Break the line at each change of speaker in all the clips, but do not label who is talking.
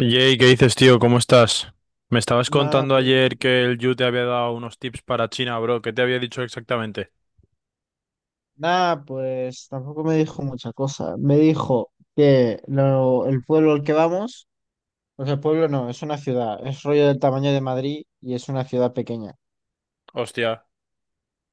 Jay, ¿qué dices, tío? ¿Cómo estás? Me estabas
Nada,
contando ayer
bien.
que el Yu te había dado unos tips para China, bro. ¿Qué te había dicho exactamente?
Nada, pues tampoco me dijo mucha cosa. Me dijo que el pueblo al que vamos, pues el pueblo no, es una ciudad, es rollo del tamaño de Madrid y es una ciudad pequeña.
Hostia.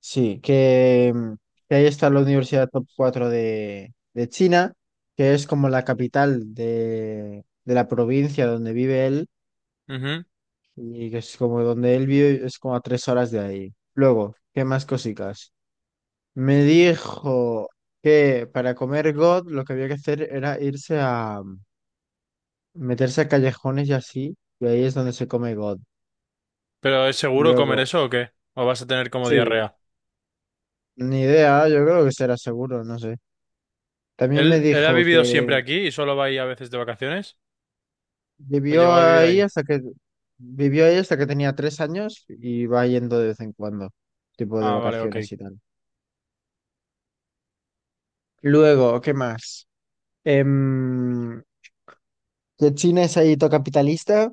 Sí, que ahí está la Universidad Top 4 de China, que es como la capital de la provincia donde vive él
Ujú.
y que es como donde él vive, es como a 3 horas de ahí. Luego, ¿qué más cositas? Me dijo que para comer God lo que había que hacer era irse a meterse a callejones y así, y ahí es donde se come God.
¿Pero es seguro comer
Luego,
eso o qué? ¿O vas a tener como
sí,
diarrea?
ni idea, yo creo que será seguro, no sé. También me
¿Él ha
dijo
vivido
que
siempre aquí y solo va ahí a veces de vacaciones? ¿O
vivió
llegó a vivir
ahí
ahí?
hasta que vivió ahí hasta que tenía 3 años y va yendo de vez en cuando, tipo de
Ah, vale, ok.
vacaciones y tal. Luego, ¿qué más? Em, que el cine es ahí todo capitalista,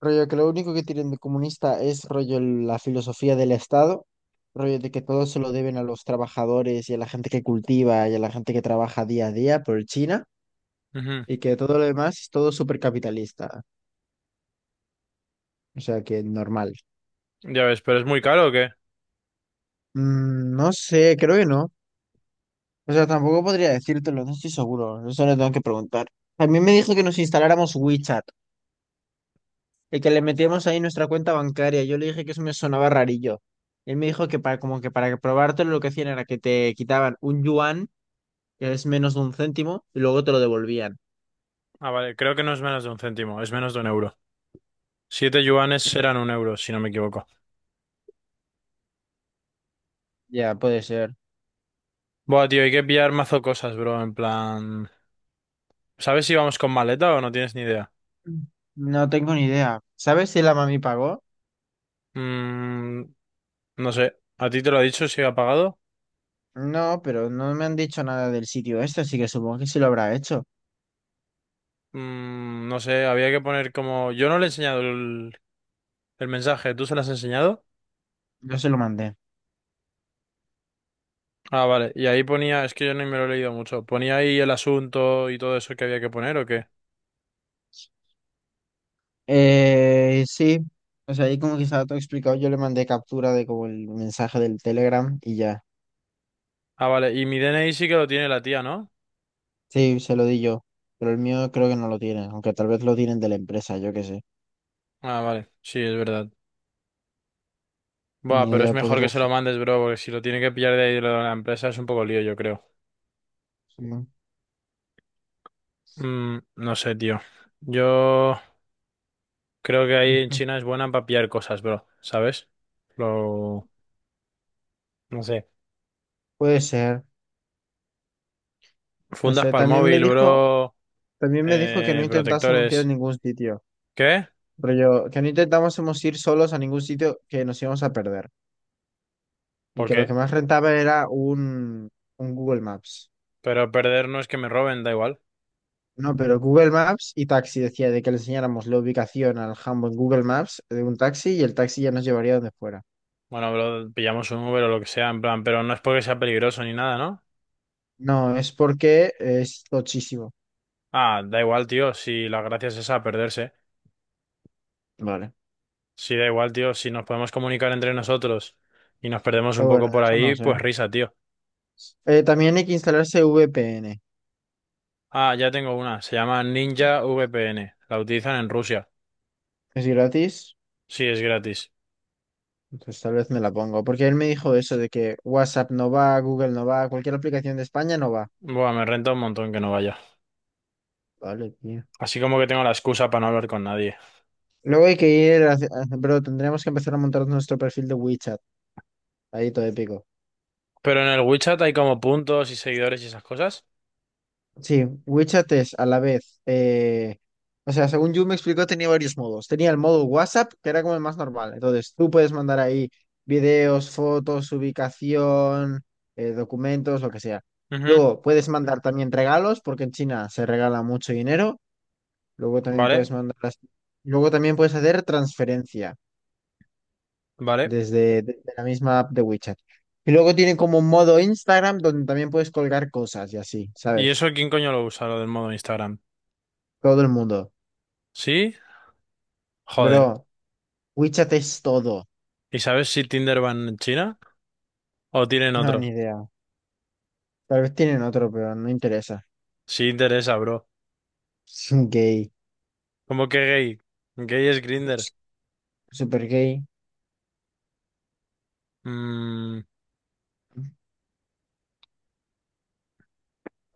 rollo que lo único que tienen de comunista es rollo la filosofía del Estado, rollo de que todo se lo deben a los trabajadores y a la gente que cultiva y a la gente que trabaja día a día por China,
Ujú.
y que todo lo demás es todo súper capitalista, o sea que normal.
Ya ves, ¿pero es muy caro o qué?
Mm, no sé, creo que no. O sea, tampoco podría decírtelo, no estoy seguro, eso le tengo que preguntar. También me dijo que nos instaláramos WeChat. El que le metíamos ahí nuestra cuenta bancaria. Yo le dije que eso me sonaba rarillo. Él me dijo que para, como que para probártelo lo que hacían era que te quitaban un yuan, que es menos de un céntimo, y luego te lo devolvían.
Ah, vale, creo que no es menos de un céntimo, es menos de un euro. 7 yuanes serán un euro, si no me equivoco.
Ya, puede ser.
Buah, tío, hay que pillar mazo cosas, bro. En plan, ¿sabes si vamos con maleta o no tienes ni idea?
Mm. No tengo ni idea. ¿Sabes si la mami pagó?
Mm, no sé. ¿A ti te lo ha dicho si ha pagado?
No, pero no me han dicho nada del sitio este, así que supongo que sí lo habrá hecho.
Mm, no sé, había que poner como. Yo no le he enseñado el mensaje, ¿tú se lo has enseñado?
Yo se lo mandé.
Ah, vale. Y ahí ponía, es que yo no me lo he leído mucho. ¿Ponía ahí el asunto y todo eso que había que poner o qué?
Sí. O sea, ahí como que estaba todo explicado. Yo le mandé captura de como el mensaje del Telegram y ya.
Ah, vale. Y mi DNI sí que lo tiene la tía, ¿no?
Sí, se lo di yo, pero el mío creo que no lo tienen, aunque tal vez lo tienen de la empresa, yo qué sé.
Ah, vale. Sí, es verdad. Buah,
Ni
pero es
idea,
mejor que
podría
se lo
ser.
mandes, bro, porque si lo tiene que pillar de ahí de la empresa es un poco lío, yo creo.
Sí.
Mm, no sé, tío. Yo creo que ahí en
Ujú.
China es buena para pillar cosas, bro, ¿sabes? Lo... No sé.
Puede ser. No
Fundas
sé,
para el
también me
móvil,
dijo,
bro.
también me dijo que no intentásemos ir a
Protectores.
ningún sitio.
¿Qué?
Rollo, que no intentásemos ir solos a ningún sitio que nos íbamos a perder. Y
¿Por
que lo
qué?
que más rentaba era un Google Maps.
Pero perder no es que me roben, da igual.
No, pero Google Maps y taxi decía de que le enseñáramos la ubicación al jambo en Google Maps de un taxi y el taxi ya nos llevaría donde fuera.
Bueno, bro, pillamos un Uber o lo que sea, en plan, pero no es porque sea peligroso ni nada, ¿no?
No, es porque es tochísimo.
Ah, da igual, tío, si la gracia es esa, perderse.
Vale.
Sí, da igual, tío, si nos podemos comunicar entre nosotros y nos perdemos un
Pero bueno,
poco por
eso no
ahí, pues
sé.
risa, tío.
También hay que instalarse VPN.
Ah, ya tengo una. Se llama Ninja VPN. La utilizan en Rusia.
Es gratis.
Sí, es gratis.
Entonces tal vez me la pongo. Porque él me dijo eso de que WhatsApp no va, Google no va, cualquier aplicación de España no va.
Buah, me renta un montón que no vaya.
Vale, tío.
Así como que tengo la excusa para no hablar con nadie.
Luego hay que ir, bro, tendríamos que empezar a montar nuestro perfil de WeChat. Ahí todo épico.
Pero en el WeChat hay como puntos y seguidores y esas cosas.
Sí, WeChat es a la vez, o sea, según yo me explicó, tenía varios modos. Tenía el modo WhatsApp, que era como el más normal. Entonces, tú puedes mandar ahí videos, fotos, ubicación, documentos, lo que sea.
Ujú.
Luego, puedes mandar también regalos, porque en China se regala mucho dinero. Luego también
Vale,
puedes mandar Luego también puedes hacer transferencia
vale.
desde la misma app de WeChat. Y luego tiene como un modo Instagram donde también puedes colgar cosas y así,
¿Y
¿sabes?
eso quién coño lo usa, lo del modo Instagram?
Todo el mundo.
¿Sí? Joder.
Bro. WeChat es todo.
¿Y sabes si Tinder van en China o tienen
No, ni
otro?
idea. Tal vez tienen otro, pero no interesa.
Sí interesa, bro.
Es un gay.
¿Cómo que gay? Gay es Grinder.
Super gay.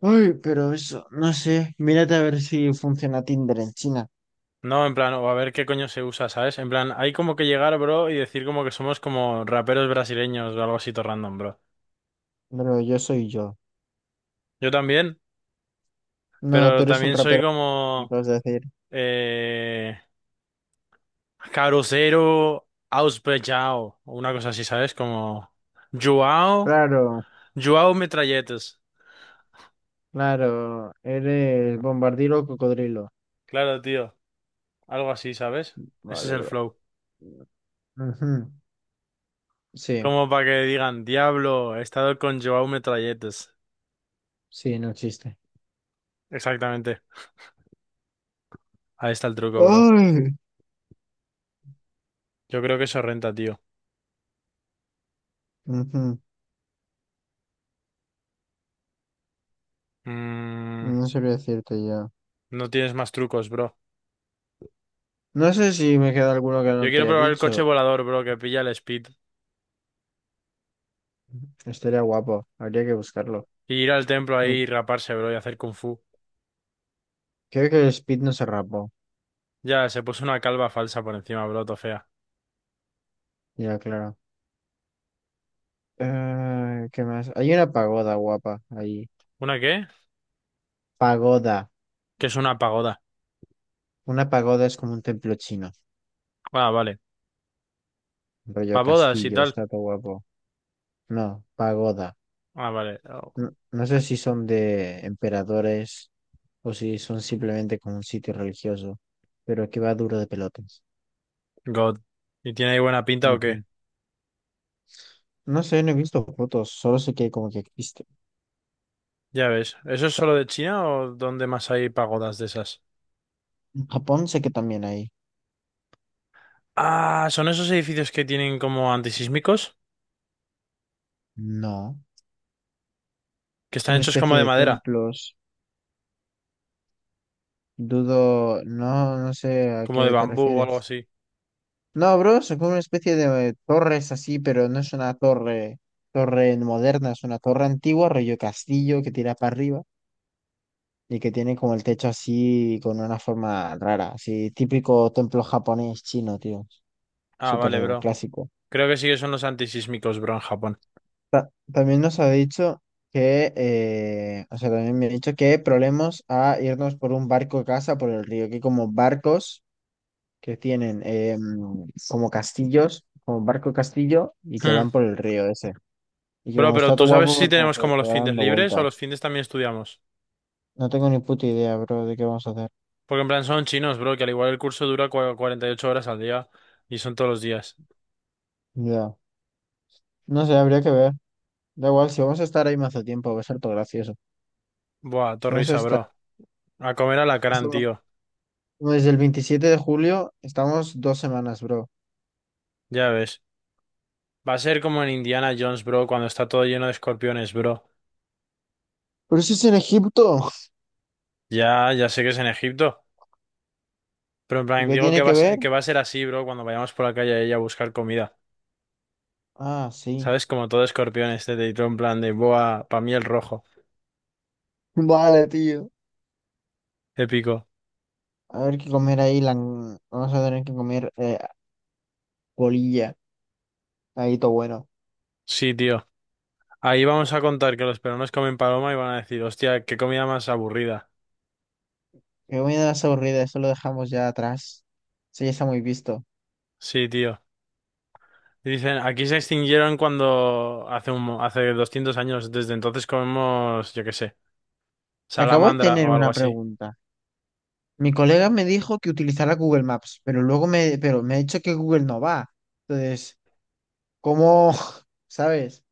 Ay, pero eso, no sé. Mírate a ver si funciona Tinder en China.
No, en plan, o a ver qué coño se usa, ¿sabes? En plan, hay como que llegar, bro, y decir como que somos como raperos brasileños o algo así todo random, bro.
Pero yo soy yo.
Yo también,
No, tú
pero
eres un
también soy
rapero, me
como
acabas de decir.
eh, Caruzeiro Auspechao, o una cosa así, ¿sabes? Como Joao,
Claro,
Joao Metralletes.
claro. Eres bombardiro o cocodrilo.
Claro, tío, algo así, ¿sabes? Ese es
Vale,
el
bro.
flow.
Ujú. Sí,
Como para que digan, diablo, he estado con Joao Metralletes.
sí, no existe.
Exactamente. Ahí está el truco, bro.
Ay.
Yo creo que eso renta, tío.
Ujú.
Mm.
No sabría decirte ya.
No tienes más trucos, bro.
No sé si me queda alguno que
Yo
no te
quiero
haya
probar el coche
dicho.
volador, bro, que pilla el speed.
Estaría guapo, habría que buscarlo.
Y ir al templo
Mm,
ahí y raparse, bro, y hacer kung fu.
Creo que el Speed no se rapó,
Ya, se puso una calva falsa por encima, bro, to fea.
ya claro. ¿Qué más? Hay una pagoda guapa ahí.
¿Una qué?
Pagoda.
Que es una pagoda.
Una pagoda es como un templo chino,
Ah, vale.
rollo
Pagodas y
castillo,
tal.
está todo guapo. No, pagoda.
Ah, vale. Oh,
No, no sé si son de emperadores o si son simplemente como un sitio religioso, pero que va duro de pelotas.
God. ¿Y tiene ahí buena pinta o qué?
Ujú. No sé, no he visto fotos, solo sé que como que existe.
Ya ves. ¿Eso
O
es
sea,
solo de China o dónde más hay pagodas de esas?
en Japón sé que también hay.
Ah, son esos edificios que tienen como antisísmicos,
No.
que
Es
están
una
hechos como
especie
de
de
madera,
templos. Dudo, no, no sé a
como de
qué te
bambú o algo
refieres.
así.
No, bro, son como una especie de torres así, pero no es una torre, torre moderna, es una torre antigua, rollo castillo que tira para arriba y que tiene como el techo así con una forma rara, así típico templo japonés chino, tío.
Ah, vale,
Súper
bro.
clásico.
Creo que sí que son los antisísmicos, bro, en Japón.
También nos ha dicho que, o sea, también me ha dicho que problemas a irnos por un barco a casa por el río, que como barcos. Que tienen como castillos, como barco castillo, y que
Hmm.
van por el río ese. Y que
Bro,
como
pero
está
¿tú
todo
sabes
guapo
si
porque como
tenemos
que
como
te
los
va
findes
dando
libres o
vueltas.
los findes también estudiamos?
No tengo ni puta idea, bro, de qué vamos a hacer.
Porque en plan son chinos, bro, que al igual el curso dura 48 horas al día y son todos los días.
Ya. No sé, habría que ver. Da igual, si vamos a estar ahí mazo tiempo, va a ser todo gracioso.
Buah,
Si vamos a
torrisa, bro.
estar,
A comer
no
alacrán,
estamos
tío.
como desde el 27 de julio, estamos 2 semanas, bro.
Ya ves. Va a ser como en Indiana Jones, bro, cuando está todo lleno de escorpiones, bro.
Pero eso es en Egipto.
Ya, ya sé que es en Egipto. Pero en
¿Y
plan,
qué
digo que
tiene
va a
que
ser,
ver?
que va a ser así, bro, cuando vayamos por la calle a ella a buscar comida.
Ah, sí.
¿Sabes? Como todo escorpiones, este y en plan de, buah, pa' mí el rojo.
Vale, tío.
Épico.
A ver qué comer ahí. Vamos a tener que comer bolilla. Ahí todo bueno.
Sí, tío. Ahí vamos a contar que los peruanos comen paloma y van a decir, hostia, qué comida más aburrida.
Qué buenas aburrida, eso lo dejamos ya atrás. Eso ya está muy visto.
Sí, tío. Dicen, aquí se extinguieron cuando hace 200 años, desde entonces comemos, yo qué sé,
Acabo de
salamandra
tener
o algo
una
así.
pregunta. Mi colega me dijo que utilizara Google Maps, pero me ha dicho que Google no va. Entonces, ¿cómo? ¿Sabes?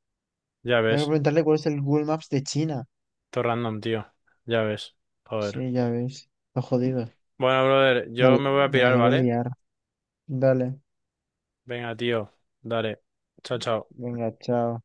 Ya
Tengo que
ves,
preguntarle cuál es el Google Maps de China.
todo random, tío. Ya ves. Joder.
Sí, ya ves. Lo jodido.
Bueno, brother,
Me,
yo me voy a
me la
pirar,
quería
¿vale?
liar. Dale.
Venga, tío, dale. Chao, chao.
Venga, chao.